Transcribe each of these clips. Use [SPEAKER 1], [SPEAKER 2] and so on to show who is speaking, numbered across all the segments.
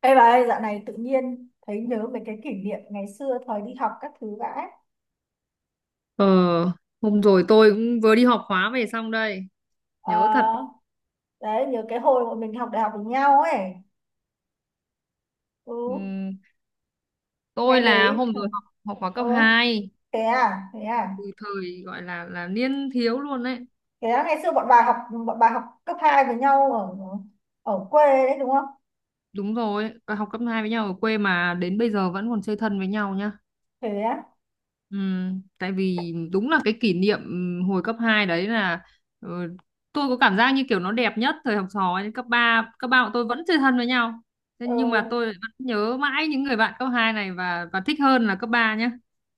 [SPEAKER 1] Ê bà ơi, dạo này tự nhiên thấy nhớ về cái kỷ niệm ngày xưa thời đi học các thứ vãi.
[SPEAKER 2] Ờ, hôm rồi tôi cũng vừa đi học khóa về xong đây.
[SPEAKER 1] Ờ,
[SPEAKER 2] Nhớ thật.
[SPEAKER 1] đấy, nhớ cái hồi bọn mình học đại học với nhau ấy. Ừ,
[SPEAKER 2] ừm, tôi
[SPEAKER 1] ngày
[SPEAKER 2] là
[SPEAKER 1] đấy.
[SPEAKER 2] hôm rồi học học khóa
[SPEAKER 1] Ừ,
[SPEAKER 2] cấp 2
[SPEAKER 1] thế à, thế à.
[SPEAKER 2] từ thời gọi là niên thiếu luôn đấy.
[SPEAKER 1] Thế à, ngày xưa bọn bà học cấp 2 với nhau ở ở quê đấy đúng không?
[SPEAKER 2] Đúng rồi, và học cấp hai với nhau ở quê mà đến bây giờ vẫn còn chơi thân với nhau nhá.
[SPEAKER 1] Thế á.
[SPEAKER 2] Tại vì đúng là cái kỷ niệm hồi cấp 2 đấy là ờ, tôi có cảm giác như kiểu nó đẹp nhất thời học trò ấy. Cấp ba bọn tôi vẫn chơi thân với nhau. Thế nhưng mà
[SPEAKER 1] Ừ,
[SPEAKER 2] tôi lại vẫn nhớ mãi những người bạn cấp 2 này và thích hơn là cấp 3 nhá.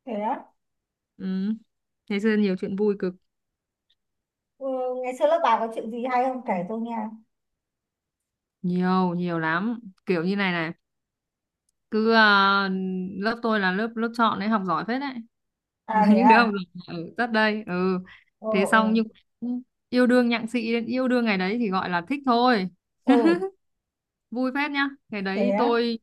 [SPEAKER 1] thế á.
[SPEAKER 2] Ừ. Ngày xưa nhiều chuyện vui cực,
[SPEAKER 1] Ừ, ngày xưa lớp bà có chuyện gì hay không kể tôi nghe.
[SPEAKER 2] nhiều nhiều lắm. Kiểu như này này, cứ lớp tôi là lớp lớp chọn đấy, học giỏi phết đấy.
[SPEAKER 1] À thế
[SPEAKER 2] Những đứa
[SPEAKER 1] à.
[SPEAKER 2] học giỏi ở rất đây. Ừ.
[SPEAKER 1] Ừ,
[SPEAKER 2] Thế
[SPEAKER 1] ừ.
[SPEAKER 2] xong nhưng yêu đương nhặng xị, đến yêu đương ngày đấy thì gọi là thích thôi,
[SPEAKER 1] Ừ,
[SPEAKER 2] vui phết nhá. Ngày
[SPEAKER 1] thế
[SPEAKER 2] đấy
[SPEAKER 1] á.
[SPEAKER 2] tôi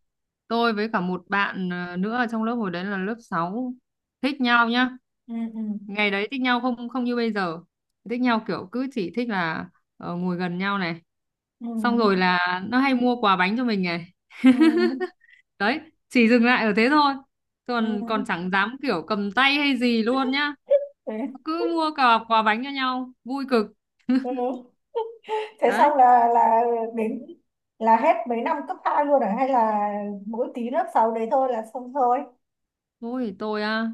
[SPEAKER 2] tôi với cả một bạn nữa ở trong lớp, hồi đấy là lớp 6, thích nhau nhá.
[SPEAKER 1] Ừ, ừ.
[SPEAKER 2] Ngày đấy thích nhau không không như bây giờ. Thích nhau kiểu cứ chỉ thích là ngồi gần nhau này,
[SPEAKER 1] Ừ,
[SPEAKER 2] xong rồi là nó hay mua quà bánh cho mình này.
[SPEAKER 1] ừ.
[SPEAKER 2] Đấy, chỉ dừng lại ở thế thôi,
[SPEAKER 1] Ừ,
[SPEAKER 2] còn
[SPEAKER 1] ừ,
[SPEAKER 2] còn chẳng dám kiểu cầm tay hay gì luôn nhá,
[SPEAKER 1] thế.
[SPEAKER 2] cứ mua quà quà bánh cho nhau vui cực.
[SPEAKER 1] Ừ. Thế
[SPEAKER 2] Đấy,
[SPEAKER 1] xong là đến là hết mấy năm cấp 2 luôn à hay là mỗi tí lớp 6 đấy thôi là xong thôi.
[SPEAKER 2] ôi tôi à,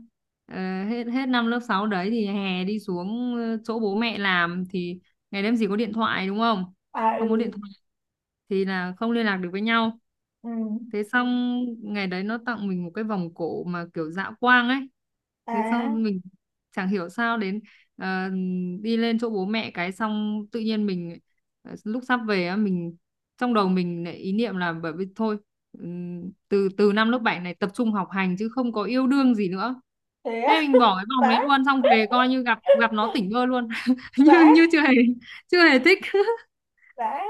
[SPEAKER 2] hết hết năm lớp 6 đấy thì hè đi xuống chỗ bố mẹ làm thì ngày đêm gì có điện thoại đúng không,
[SPEAKER 1] À
[SPEAKER 2] không có điện
[SPEAKER 1] ừ
[SPEAKER 2] thoại thì là không liên lạc được với nhau.
[SPEAKER 1] ừ
[SPEAKER 2] Thế xong, ngày đấy nó tặng mình một cái vòng cổ mà kiểu dạ quang ấy. Thế
[SPEAKER 1] à
[SPEAKER 2] xong mình chẳng hiểu sao đến ờ, đi lên chỗ bố mẹ, cái xong tự nhiên mình lúc sắp về á, mình trong đầu mình lại ý niệm là bởi vì thôi từ từ năm lớp 7 này tập trung học hành chứ không có yêu đương gì nữa.
[SPEAKER 1] thế á.
[SPEAKER 2] Thế mình bỏ cái vòng đấy
[SPEAKER 1] Vãi.
[SPEAKER 2] luôn, xong về coi như gặp, nó tỉnh bơ luôn như
[SPEAKER 1] Vãi.
[SPEAKER 2] như chưa hề, chưa hề thích
[SPEAKER 1] Vãi.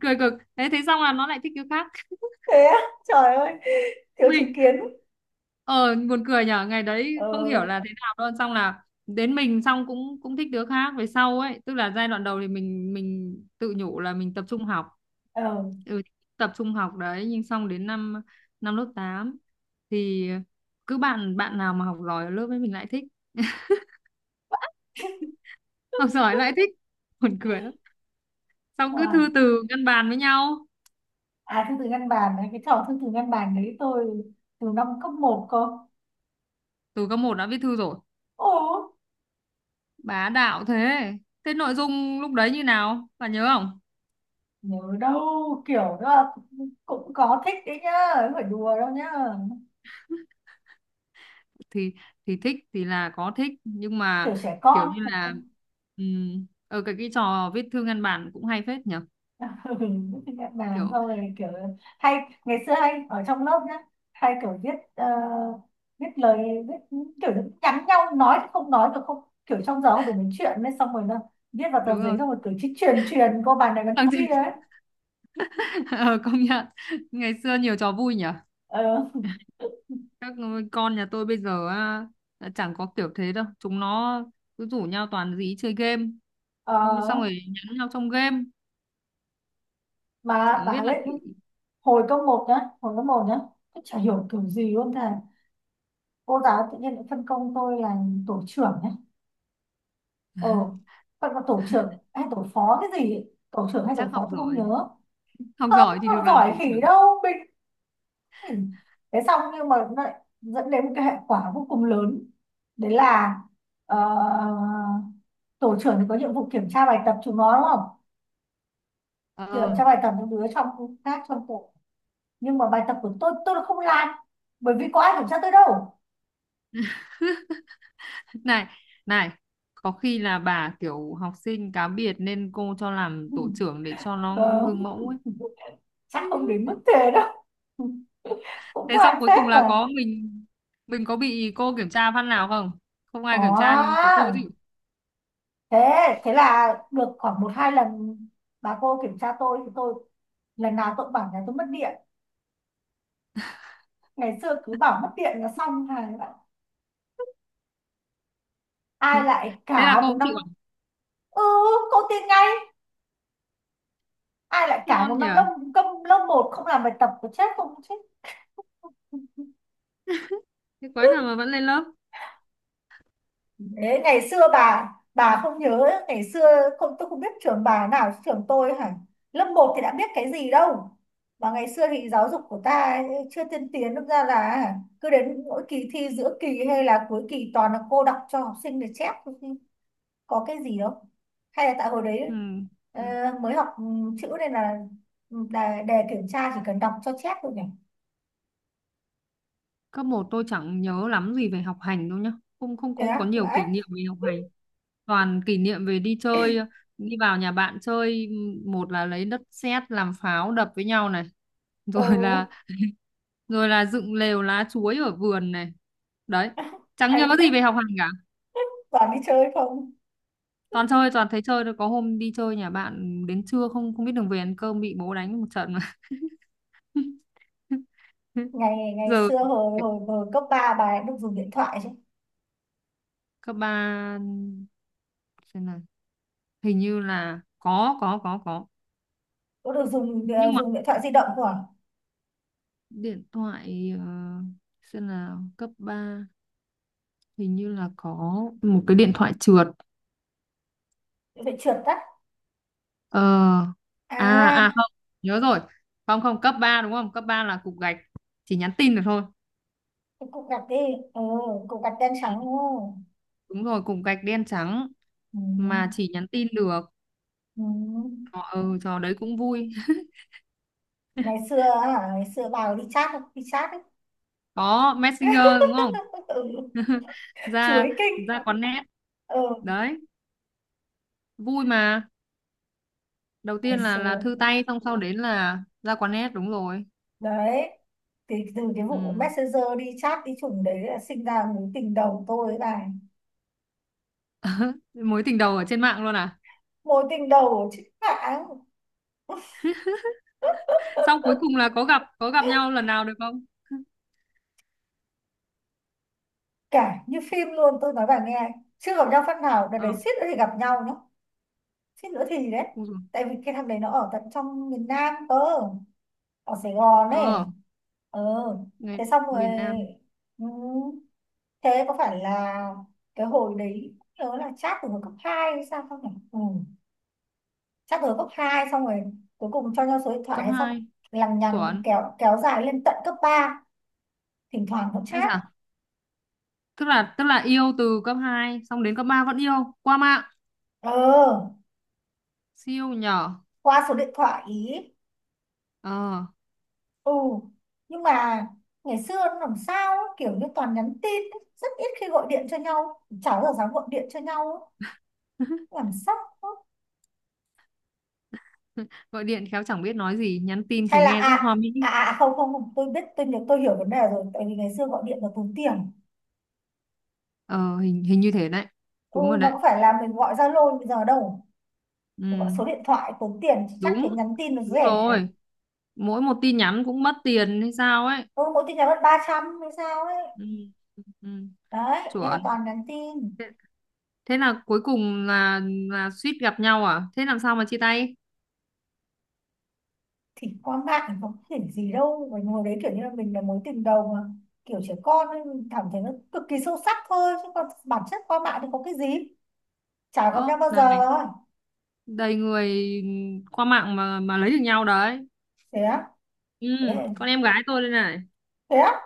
[SPEAKER 2] cười cực. Thế thế xong là nó lại thích cái khác.
[SPEAKER 1] Thế á. Trời ơi, thiếu chính
[SPEAKER 2] Mình
[SPEAKER 1] kiến.
[SPEAKER 2] ờ buồn cười nhở, ngày đấy
[SPEAKER 1] Ờ,
[SPEAKER 2] không hiểu là thế nào luôn, xong là đến mình xong cũng cũng thích đứa khác về sau ấy, tức là giai đoạn đầu thì mình tự nhủ là mình tập trung học.
[SPEAKER 1] ờ.
[SPEAKER 2] Ừ, tập trung học đấy, nhưng xong đến năm năm lớp 8 thì cứ bạn bạn nào mà học giỏi ở lớp ấy mình lại thích. Học giỏi lại thích, buồn cười lắm, xong cứ
[SPEAKER 1] À,
[SPEAKER 2] thư từ ngăn bàn với nhau.
[SPEAKER 1] à thư từ ngăn bàn đấy, cái trò thư từ ngăn bàn đấy tôi từ năm cấp một cơ.
[SPEAKER 2] Từ cấp một đã viết thư rồi,
[SPEAKER 1] Ồ.
[SPEAKER 2] bá đạo thế. Thế nội dung lúc đấy như nào bạn nhớ không?
[SPEAKER 1] Nhớ đâu kiểu đó là cũng cũng có thích đấy nhá, không phải đùa đâu nhá.
[SPEAKER 2] Thì thì thích thì là có thích nhưng
[SPEAKER 1] Kiểu
[SPEAKER 2] mà
[SPEAKER 1] trẻ con.
[SPEAKER 2] kiểu như là ở cái trò viết thư ngăn bản cũng hay phết nhỉ,
[SPEAKER 1] Ừ, nhận bàn
[SPEAKER 2] kiểu.
[SPEAKER 1] xong rồi kiểu hay ngày xưa hay ở trong lớp nhá, hay kiểu viết viết lời viết kiểu nhắn nhau, nói thì không nói được không, kiểu trong giờ không đủ nói chuyện nên xong rồi nó viết vào tờ
[SPEAKER 2] Đúng
[SPEAKER 1] giấy
[SPEAKER 2] rồi.
[SPEAKER 1] xong rồi cứ chỉ truyền truyền cô bàn này bàn
[SPEAKER 2] Thằng
[SPEAKER 1] kia
[SPEAKER 2] Duy-
[SPEAKER 1] ấy.
[SPEAKER 2] ờ, công nhận ngày xưa nhiều trò vui nhỉ.
[SPEAKER 1] Ờ,
[SPEAKER 2] Các con nhà tôi bây giờ á, đã chẳng có kiểu thế đâu, chúng nó cứ rủ nhau toàn dí chơi game, xong
[SPEAKER 1] ờ,
[SPEAKER 2] rồi nhắn nhau trong game,
[SPEAKER 1] mà
[SPEAKER 2] chẳng
[SPEAKER 1] bà
[SPEAKER 2] biết là
[SPEAKER 1] ấy
[SPEAKER 2] thì
[SPEAKER 1] hồi cấp một nhá, hồi cấp một nhá tôi chả hiểu kiểu gì luôn. Thầy cô giáo tự nhiên lại phân công tôi là tổ trưởng nhá, ờ phân công tổ trưởng hay tổ phó cái gì ấy. Tổ trưởng hay
[SPEAKER 2] chắc
[SPEAKER 1] tổ
[SPEAKER 2] học
[SPEAKER 1] phó tôi không
[SPEAKER 2] giỏi,
[SPEAKER 1] nhớ.
[SPEAKER 2] học
[SPEAKER 1] Không
[SPEAKER 2] giỏi thì
[SPEAKER 1] không
[SPEAKER 2] được làm thủ
[SPEAKER 1] giỏi khỉ
[SPEAKER 2] trưởng.
[SPEAKER 1] đâu mình. Ừ. Thế xong nhưng mà nó lại dẫn đến một cái hệ quả vô cùng lớn, đấy là ờ, tổ trưởng thì có nhiệm vụ kiểm tra bài tập chúng nó đúng không,
[SPEAKER 2] Ờ,
[SPEAKER 1] kiểm
[SPEAKER 2] ờ.
[SPEAKER 1] tra bài tập những đứa trong khác trong tổ, nhưng mà bài tập của tôi là không làm, bởi vì có ai kiểm tra tôi đâu.
[SPEAKER 2] Này này, có khi là bà kiểu học sinh cá biệt nên cô cho làm tổ trưởng để cho nó
[SPEAKER 1] Ờ,
[SPEAKER 2] gương mẫu ấy.
[SPEAKER 1] chắc không đến mức thế đâu. Cũng
[SPEAKER 2] Thế
[SPEAKER 1] có
[SPEAKER 2] xong
[SPEAKER 1] ăn
[SPEAKER 2] cuối
[SPEAKER 1] phép
[SPEAKER 2] cùng là
[SPEAKER 1] mà.
[SPEAKER 2] có mình, có bị cô kiểm tra phát nào không? Không
[SPEAKER 1] Có
[SPEAKER 2] ai kiểm tra nhưng có cô
[SPEAKER 1] à.
[SPEAKER 2] chịu.
[SPEAKER 1] Thế thế là được khoảng một hai lần bà cô kiểm tra tôi thì tôi lần nào tôi cũng bảo nhà tôi mất điện. Ngày xưa cứ bảo mất điện là xong hà. Ai lại
[SPEAKER 2] Thế là
[SPEAKER 1] cả
[SPEAKER 2] cô
[SPEAKER 1] một
[SPEAKER 2] cũng
[SPEAKER 1] năm.
[SPEAKER 2] chịu à?
[SPEAKER 1] Ừ. Cô tin ngay. Ai lại cả một
[SPEAKER 2] Ngon nhỉ,
[SPEAKER 1] năm lông công lông một không làm bài tập, có chết không chết.
[SPEAKER 2] thế quái nào mà vẫn lên lớp.
[SPEAKER 1] Đấy, ngày xưa bà không nhớ ngày xưa không, tôi không biết trường bà nào trường tôi hả. Lớp một thì đã biết cái gì đâu. Mà ngày xưa thì giáo dục của ta chưa tiên tiến, đâm ra là cứ đến mỗi kỳ thi giữa kỳ hay là cuối kỳ toàn là cô đọc cho học sinh để chép thôi chứ có cái gì đâu. Hay là tại hồi
[SPEAKER 2] Ừ.
[SPEAKER 1] đấy ờ, mới học chữ nên là đề kiểm tra chỉ cần đọc cho chép thôi nhỉ.
[SPEAKER 2] Cấp một tôi chẳng nhớ lắm gì về học hành đâu nhá, không, không,
[SPEAKER 1] Thế
[SPEAKER 2] không có
[SPEAKER 1] á
[SPEAKER 2] nhiều
[SPEAKER 1] vậy.
[SPEAKER 2] kỷ niệm về học hành, toàn kỷ niệm về đi chơi, đi vào nhà bạn chơi, một là lấy đất sét làm pháo đập với nhau này,
[SPEAKER 1] Ừ.
[SPEAKER 2] rồi là, dựng lều lá chuối ở vườn này. Đấy, chẳng
[SPEAKER 1] Ấy
[SPEAKER 2] nhớ
[SPEAKER 1] phép,
[SPEAKER 2] gì về học hành cả,
[SPEAKER 1] toàn đi chơi không.
[SPEAKER 2] toàn chơi, toàn thấy chơi thôi, có hôm đi chơi nhà bạn đến trưa không không biết đường về ăn cơm, bị bố đánh một trận mà.
[SPEAKER 1] Ngày ngày
[SPEAKER 2] Giờ
[SPEAKER 1] xưa hồi hồi hồi cấp 3 bà ấy được dùng điện thoại chứ.
[SPEAKER 2] cấp ba, xem nào, hình như là có.
[SPEAKER 1] Có được dùng
[SPEAKER 2] Nhưng
[SPEAKER 1] ờ,
[SPEAKER 2] mà
[SPEAKER 1] dùng điện thoại di động của.
[SPEAKER 2] điện thoại xem nào, cấp 3 hình như là có một cái điện thoại trượt.
[SPEAKER 1] Phải trượt tắt.
[SPEAKER 2] Ờ.
[SPEAKER 1] À
[SPEAKER 2] Không, nhớ rồi. Không, không, cấp 3 đúng không? Cấp 3 là cục gạch, chỉ nhắn tin được thôi.
[SPEAKER 1] cái cục gạch đi. Ừ, cục gạch đen
[SPEAKER 2] Ừ,
[SPEAKER 1] trắng đúng không.
[SPEAKER 2] đúng rồi, cục gạch đen trắng
[SPEAKER 1] Ừ.
[SPEAKER 2] mà chỉ nhắn tin được.
[SPEAKER 1] Ừ.
[SPEAKER 2] Ờ, ừ, trò đấy cũng vui.
[SPEAKER 1] Ngày xưa hả, ngày xưa bà đi chat không? Đi chat ấy.
[SPEAKER 2] Có Messenger đúng không?
[SPEAKER 1] Ừ.
[SPEAKER 2] ra
[SPEAKER 1] Chuối kinh.
[SPEAKER 2] Ra quán net.
[SPEAKER 1] Ừ.
[SPEAKER 2] Đấy vui mà, đầu
[SPEAKER 1] Ngày
[SPEAKER 2] tiên là
[SPEAKER 1] xưa
[SPEAKER 2] thư tay, xong sau đến là ra quán net, đúng rồi.
[SPEAKER 1] đấy, thì từ cái
[SPEAKER 2] Ừ.
[SPEAKER 1] vụ messenger đi chat đi chủng đấy là sinh ra mối tình đầu tôi với bà.
[SPEAKER 2] Mối tình đầu ở trên mạng luôn à?
[SPEAKER 1] Mối tình đầu ở trên mạng.
[SPEAKER 2] Xong cuối cùng là có gặp, nhau lần nào được không?
[SPEAKER 1] Cả như phim luôn tôi nói bà nghe, chưa gặp nhau phát nào đợt đấy,
[SPEAKER 2] Ờ,
[SPEAKER 1] suýt nữa thì gặp nhau nhá. Suýt nữa thì đấy.
[SPEAKER 2] ui dồi.
[SPEAKER 1] Tại vì cái thằng đấy nó ở tận trong miền Nam cơ, ở Sài Gòn ấy.
[SPEAKER 2] Ờ,
[SPEAKER 1] Ờ.
[SPEAKER 2] người
[SPEAKER 1] Thế xong rồi.
[SPEAKER 2] miền Nam.
[SPEAKER 1] Ừ, thế có phải là cái hồi đấy nhớ là chat từ hồi cấp 2 hay sao không nhỉ. Ừ. Chat từ hồi cấp 2 xong rồi cuối cùng cho nhau số điện thoại
[SPEAKER 2] Cấp
[SPEAKER 1] hay xong,
[SPEAKER 2] hai.
[SPEAKER 1] lằng nhằng
[SPEAKER 2] Chuẩn.
[SPEAKER 1] kéo kéo dài lên tận cấp ba, thỉnh thoảng vẫn
[SPEAKER 2] Ấy
[SPEAKER 1] chat.
[SPEAKER 2] dạ, tức là, yêu từ cấp 2 xong đến cấp 3 vẫn yêu, qua mạng,
[SPEAKER 1] Ờ,
[SPEAKER 2] siêu nhỏ.
[SPEAKER 1] qua số điện thoại ý.
[SPEAKER 2] ờ
[SPEAKER 1] Ừ, nhưng mà ngày xưa nó làm sao ấy, kiểu như toàn nhắn tin ấy, rất ít khi gọi điện cho nhau, cháu giờ dám gọi điện cho nhau ấy, làm sao ấy.
[SPEAKER 2] Gọi điện khéo chẳng biết nói gì, nhắn tin
[SPEAKER 1] Hay
[SPEAKER 2] thì
[SPEAKER 1] là
[SPEAKER 2] nghe rất
[SPEAKER 1] à
[SPEAKER 2] hoa mỹ.
[SPEAKER 1] à à à, không không không, tôi biết tôi nhớ tôi hiểu vấn đề rồi, tại vì ngày xưa gọi điện là tốn tiền.
[SPEAKER 2] Ờ hình hình như thế đấy.
[SPEAKER 1] Ừ,
[SPEAKER 2] Đúng rồi
[SPEAKER 1] nó
[SPEAKER 2] đấy.
[SPEAKER 1] có phải là mình gọi Zalo bây giờ đâu.
[SPEAKER 2] Ừ,
[SPEAKER 1] Mình gọi số điện thoại tốn tiền, chắc thế
[SPEAKER 2] đúng
[SPEAKER 1] nhắn tin nó
[SPEAKER 2] đúng
[SPEAKER 1] rẻ.
[SPEAKER 2] rồi, mỗi một tin nhắn cũng mất tiền hay sao ấy.
[SPEAKER 1] Ừ, mỗi tin nhắn mất 300 hay sao ấy.
[SPEAKER 2] Ừ, ừ,
[SPEAKER 1] Đấy, thế là
[SPEAKER 2] chuẩn.
[SPEAKER 1] toàn nhắn tin.
[SPEAKER 2] Thế, thế là cuối cùng là suýt gặp nhau à, thế làm sao mà chia tay?
[SPEAKER 1] Thì qua mạng có thể gì đâu, mình ngồi đấy kiểu như là mình là mối tình đầu mà, kiểu trẻ con ấy, mình cảm thấy nó cực kỳ sâu sắc thôi chứ còn bản chất qua mạng thì có cái gì. Chả
[SPEAKER 2] Ơ,
[SPEAKER 1] gặp nhau bao giờ.
[SPEAKER 2] đầy người qua mạng mà lấy được nhau đấy.
[SPEAKER 1] Thế á.
[SPEAKER 2] Ừ,
[SPEAKER 1] Thế,
[SPEAKER 2] con em gái tôi đây này.
[SPEAKER 1] thế á.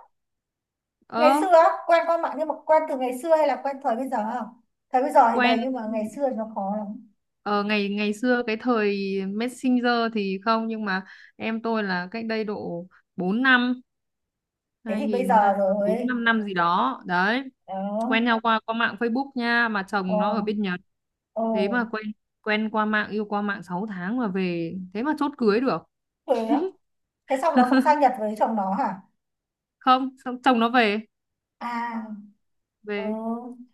[SPEAKER 1] Ngày
[SPEAKER 2] Ờ,
[SPEAKER 1] xưa á, quen qua mạng nhưng mà quen từ ngày xưa hay là quen thời bây giờ không? Thời bây giờ thì đầy
[SPEAKER 2] quen
[SPEAKER 1] nhưng mà ngày xưa thì nó khó lắm.
[SPEAKER 2] ờ ngày, xưa cái thời Messenger thì không, nhưng mà em tôi là cách đây độ 4 năm,
[SPEAKER 1] Thế
[SPEAKER 2] hai
[SPEAKER 1] thì bây
[SPEAKER 2] nghìn
[SPEAKER 1] giờ
[SPEAKER 2] bốn,
[SPEAKER 1] rồi.
[SPEAKER 2] năm năm gì đó đấy,
[SPEAKER 1] Đó.
[SPEAKER 2] quen nhau qua qua mạng Facebook nha, mà
[SPEAKER 1] Ờ,
[SPEAKER 2] chồng nó ở bên Nhật.
[SPEAKER 1] ờ.
[SPEAKER 2] Thế mà quen, qua mạng, yêu qua mạng 6 tháng mà về thế mà chốt cưới được.
[SPEAKER 1] Thế á. Thế xong nó xong sang Nhật với chồng nó hả.
[SPEAKER 2] Không, xong chồng nó về.
[SPEAKER 1] À. Ừ.
[SPEAKER 2] về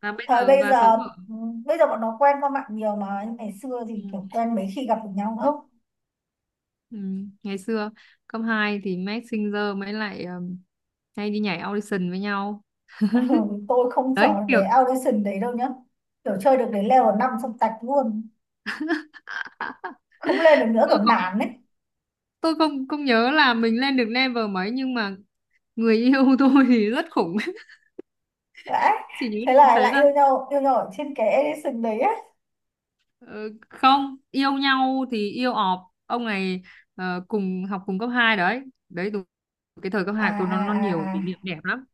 [SPEAKER 2] và bây
[SPEAKER 1] Thời
[SPEAKER 2] giờ
[SPEAKER 1] bây
[SPEAKER 2] và
[SPEAKER 1] giờ.
[SPEAKER 2] sống ở.
[SPEAKER 1] Ừ, bây giờ bọn nó quen qua mạng nhiều mà nhưng ngày xưa
[SPEAKER 2] Ừ.
[SPEAKER 1] thì kiểu quen mấy khi gặp được nhau không.
[SPEAKER 2] Ừ, ngày xưa cấp 2 thì Max Singer mới lại hay đi nhảy audition với nhau.
[SPEAKER 1] Ừ, tôi không
[SPEAKER 2] Đấy
[SPEAKER 1] chọn
[SPEAKER 2] kiểu.
[SPEAKER 1] cái audition đấy đâu nhá, kiểu chơi được đến level 5 xong tạch luôn,
[SPEAKER 2] à,
[SPEAKER 1] không lên được nữa kiểu
[SPEAKER 2] tôi không,
[SPEAKER 1] nản ấy.
[SPEAKER 2] tôi không không nhớ là mình lên được level mấy nhưng mà người yêu tôi thì rất khủng.
[SPEAKER 1] Đấy,
[SPEAKER 2] Chỉ nhớ
[SPEAKER 1] thế
[SPEAKER 2] đến
[SPEAKER 1] là
[SPEAKER 2] thế
[SPEAKER 1] lại
[SPEAKER 2] thôi.
[SPEAKER 1] yêu nhau, yêu nhau ở trên cái audition đấy á.
[SPEAKER 2] Ờ, Không yêu nhau thì yêu ọp ông này, cùng học cùng cấp 2 đấy. Đấy đúng, cái thời cấp
[SPEAKER 1] À
[SPEAKER 2] 2 tôi nó nhiều
[SPEAKER 1] à à
[SPEAKER 2] kỷ
[SPEAKER 1] à
[SPEAKER 2] niệm đẹp lắm.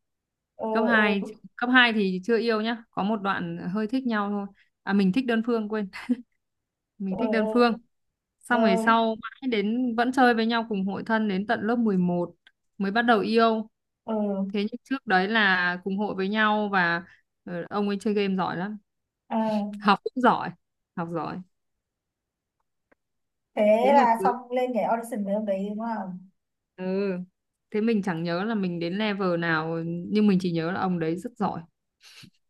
[SPEAKER 1] ừ
[SPEAKER 2] Cấp hai,
[SPEAKER 1] ừ
[SPEAKER 2] thì chưa yêu nhá, có một đoạn hơi thích nhau thôi, mình thích đơn phương, quên,
[SPEAKER 1] ừ
[SPEAKER 2] mình thích đơn phương,
[SPEAKER 1] ừ.
[SPEAKER 2] xong về
[SPEAKER 1] Rồi.
[SPEAKER 2] sau mãi đến vẫn chơi với nhau cùng hội thân đến tận lớp 11 mới bắt đầu yêu. Thế
[SPEAKER 1] Ừ.
[SPEAKER 2] nhưng trước đấy là cùng hội với nhau và ông ấy chơi game giỏi lắm,
[SPEAKER 1] À.
[SPEAKER 2] học cũng giỏi, học giỏi, thế
[SPEAKER 1] Thế
[SPEAKER 2] mà
[SPEAKER 1] là
[SPEAKER 2] cưới.
[SPEAKER 1] xong lên cái audition với ông đấy đúng không.
[SPEAKER 2] Ừ. Thế mình chẳng nhớ là mình đến level nào nhưng mình chỉ nhớ là ông đấy rất giỏi.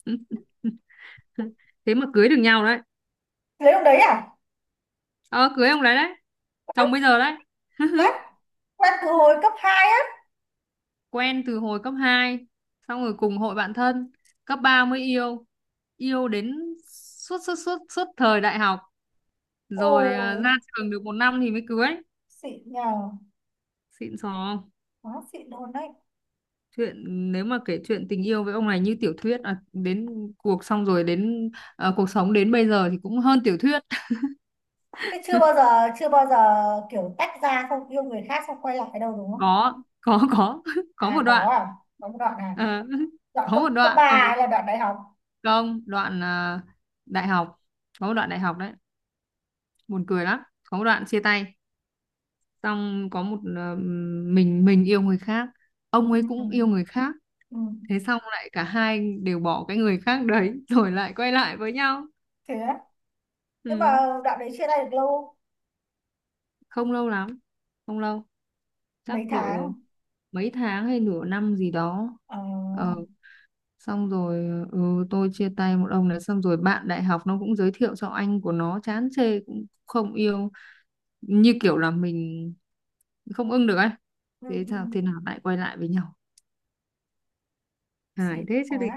[SPEAKER 2] Thế mà cưới được nhau đấy.
[SPEAKER 1] Lấy ông đấy à.
[SPEAKER 2] Ờ, cưới ông đấy đấy, chồng bây giờ đấy.
[SPEAKER 1] Quét quét từ hồi cấp hai á.
[SPEAKER 2] Quen từ hồi cấp 2, xong rồi cùng hội bạn thân, cấp 3 mới yêu, đến suốt, suốt, suốt, suốt thời đại học, rồi
[SPEAKER 1] Ôi
[SPEAKER 2] ra trường được 1 năm thì mới cưới.
[SPEAKER 1] xịn nhờ.
[SPEAKER 2] Xịn sò.
[SPEAKER 1] Quá xịn luôn đấy.
[SPEAKER 2] Chuyện, nếu mà kể chuyện tình yêu với ông này như tiểu thuyết, đến xong rồi đến, cuộc sống đến bây giờ thì cũng hơn tiểu thuyết.
[SPEAKER 1] Thế chưa bao giờ, chưa bao giờ kiểu tách ra không yêu người khác xong quay lại đâu đúng không.
[SPEAKER 2] Có, có có có một
[SPEAKER 1] À có
[SPEAKER 2] đoạn.
[SPEAKER 1] à. Có một đoạn này.
[SPEAKER 2] Ờ,
[SPEAKER 1] Đoạn
[SPEAKER 2] có
[SPEAKER 1] cấp
[SPEAKER 2] một
[SPEAKER 1] cấp
[SPEAKER 2] đoạn
[SPEAKER 1] ba
[SPEAKER 2] rồi.
[SPEAKER 1] hay là đoạn đại học.
[SPEAKER 2] Không, đoạn đại học, có một đoạn đại học đấy, buồn cười lắm, có một đoạn chia tay, xong có một mình yêu người khác, ông ấy
[SPEAKER 1] Ừ.
[SPEAKER 2] cũng yêu người khác,
[SPEAKER 1] Ừ.
[SPEAKER 2] thế xong lại cả hai đều bỏ cái người khác đấy rồi lại quay lại với nhau.
[SPEAKER 1] Thế á. Nhưng mà
[SPEAKER 2] Ừ.
[SPEAKER 1] đoạn đấy chia tay được lâu không?
[SPEAKER 2] Không lâu lắm, không lâu, chắc
[SPEAKER 1] Mấy
[SPEAKER 2] độ
[SPEAKER 1] tháng.
[SPEAKER 2] mấy tháng hay nửa năm gì đó.
[SPEAKER 1] Ờ.
[SPEAKER 2] ờ, Xong rồi, ừ, tôi chia tay một ông này xong rồi bạn đại học nó cũng giới thiệu cho anh của nó, chán chê cũng không yêu, như kiểu là mình không ưng được ấy.
[SPEAKER 1] Ừ.
[SPEAKER 2] Thế
[SPEAKER 1] Ừ.
[SPEAKER 2] sao, thế nào lại quay lại với nhau, hài
[SPEAKER 1] Xịn
[SPEAKER 2] thế chứ
[SPEAKER 1] quá
[SPEAKER 2] gì.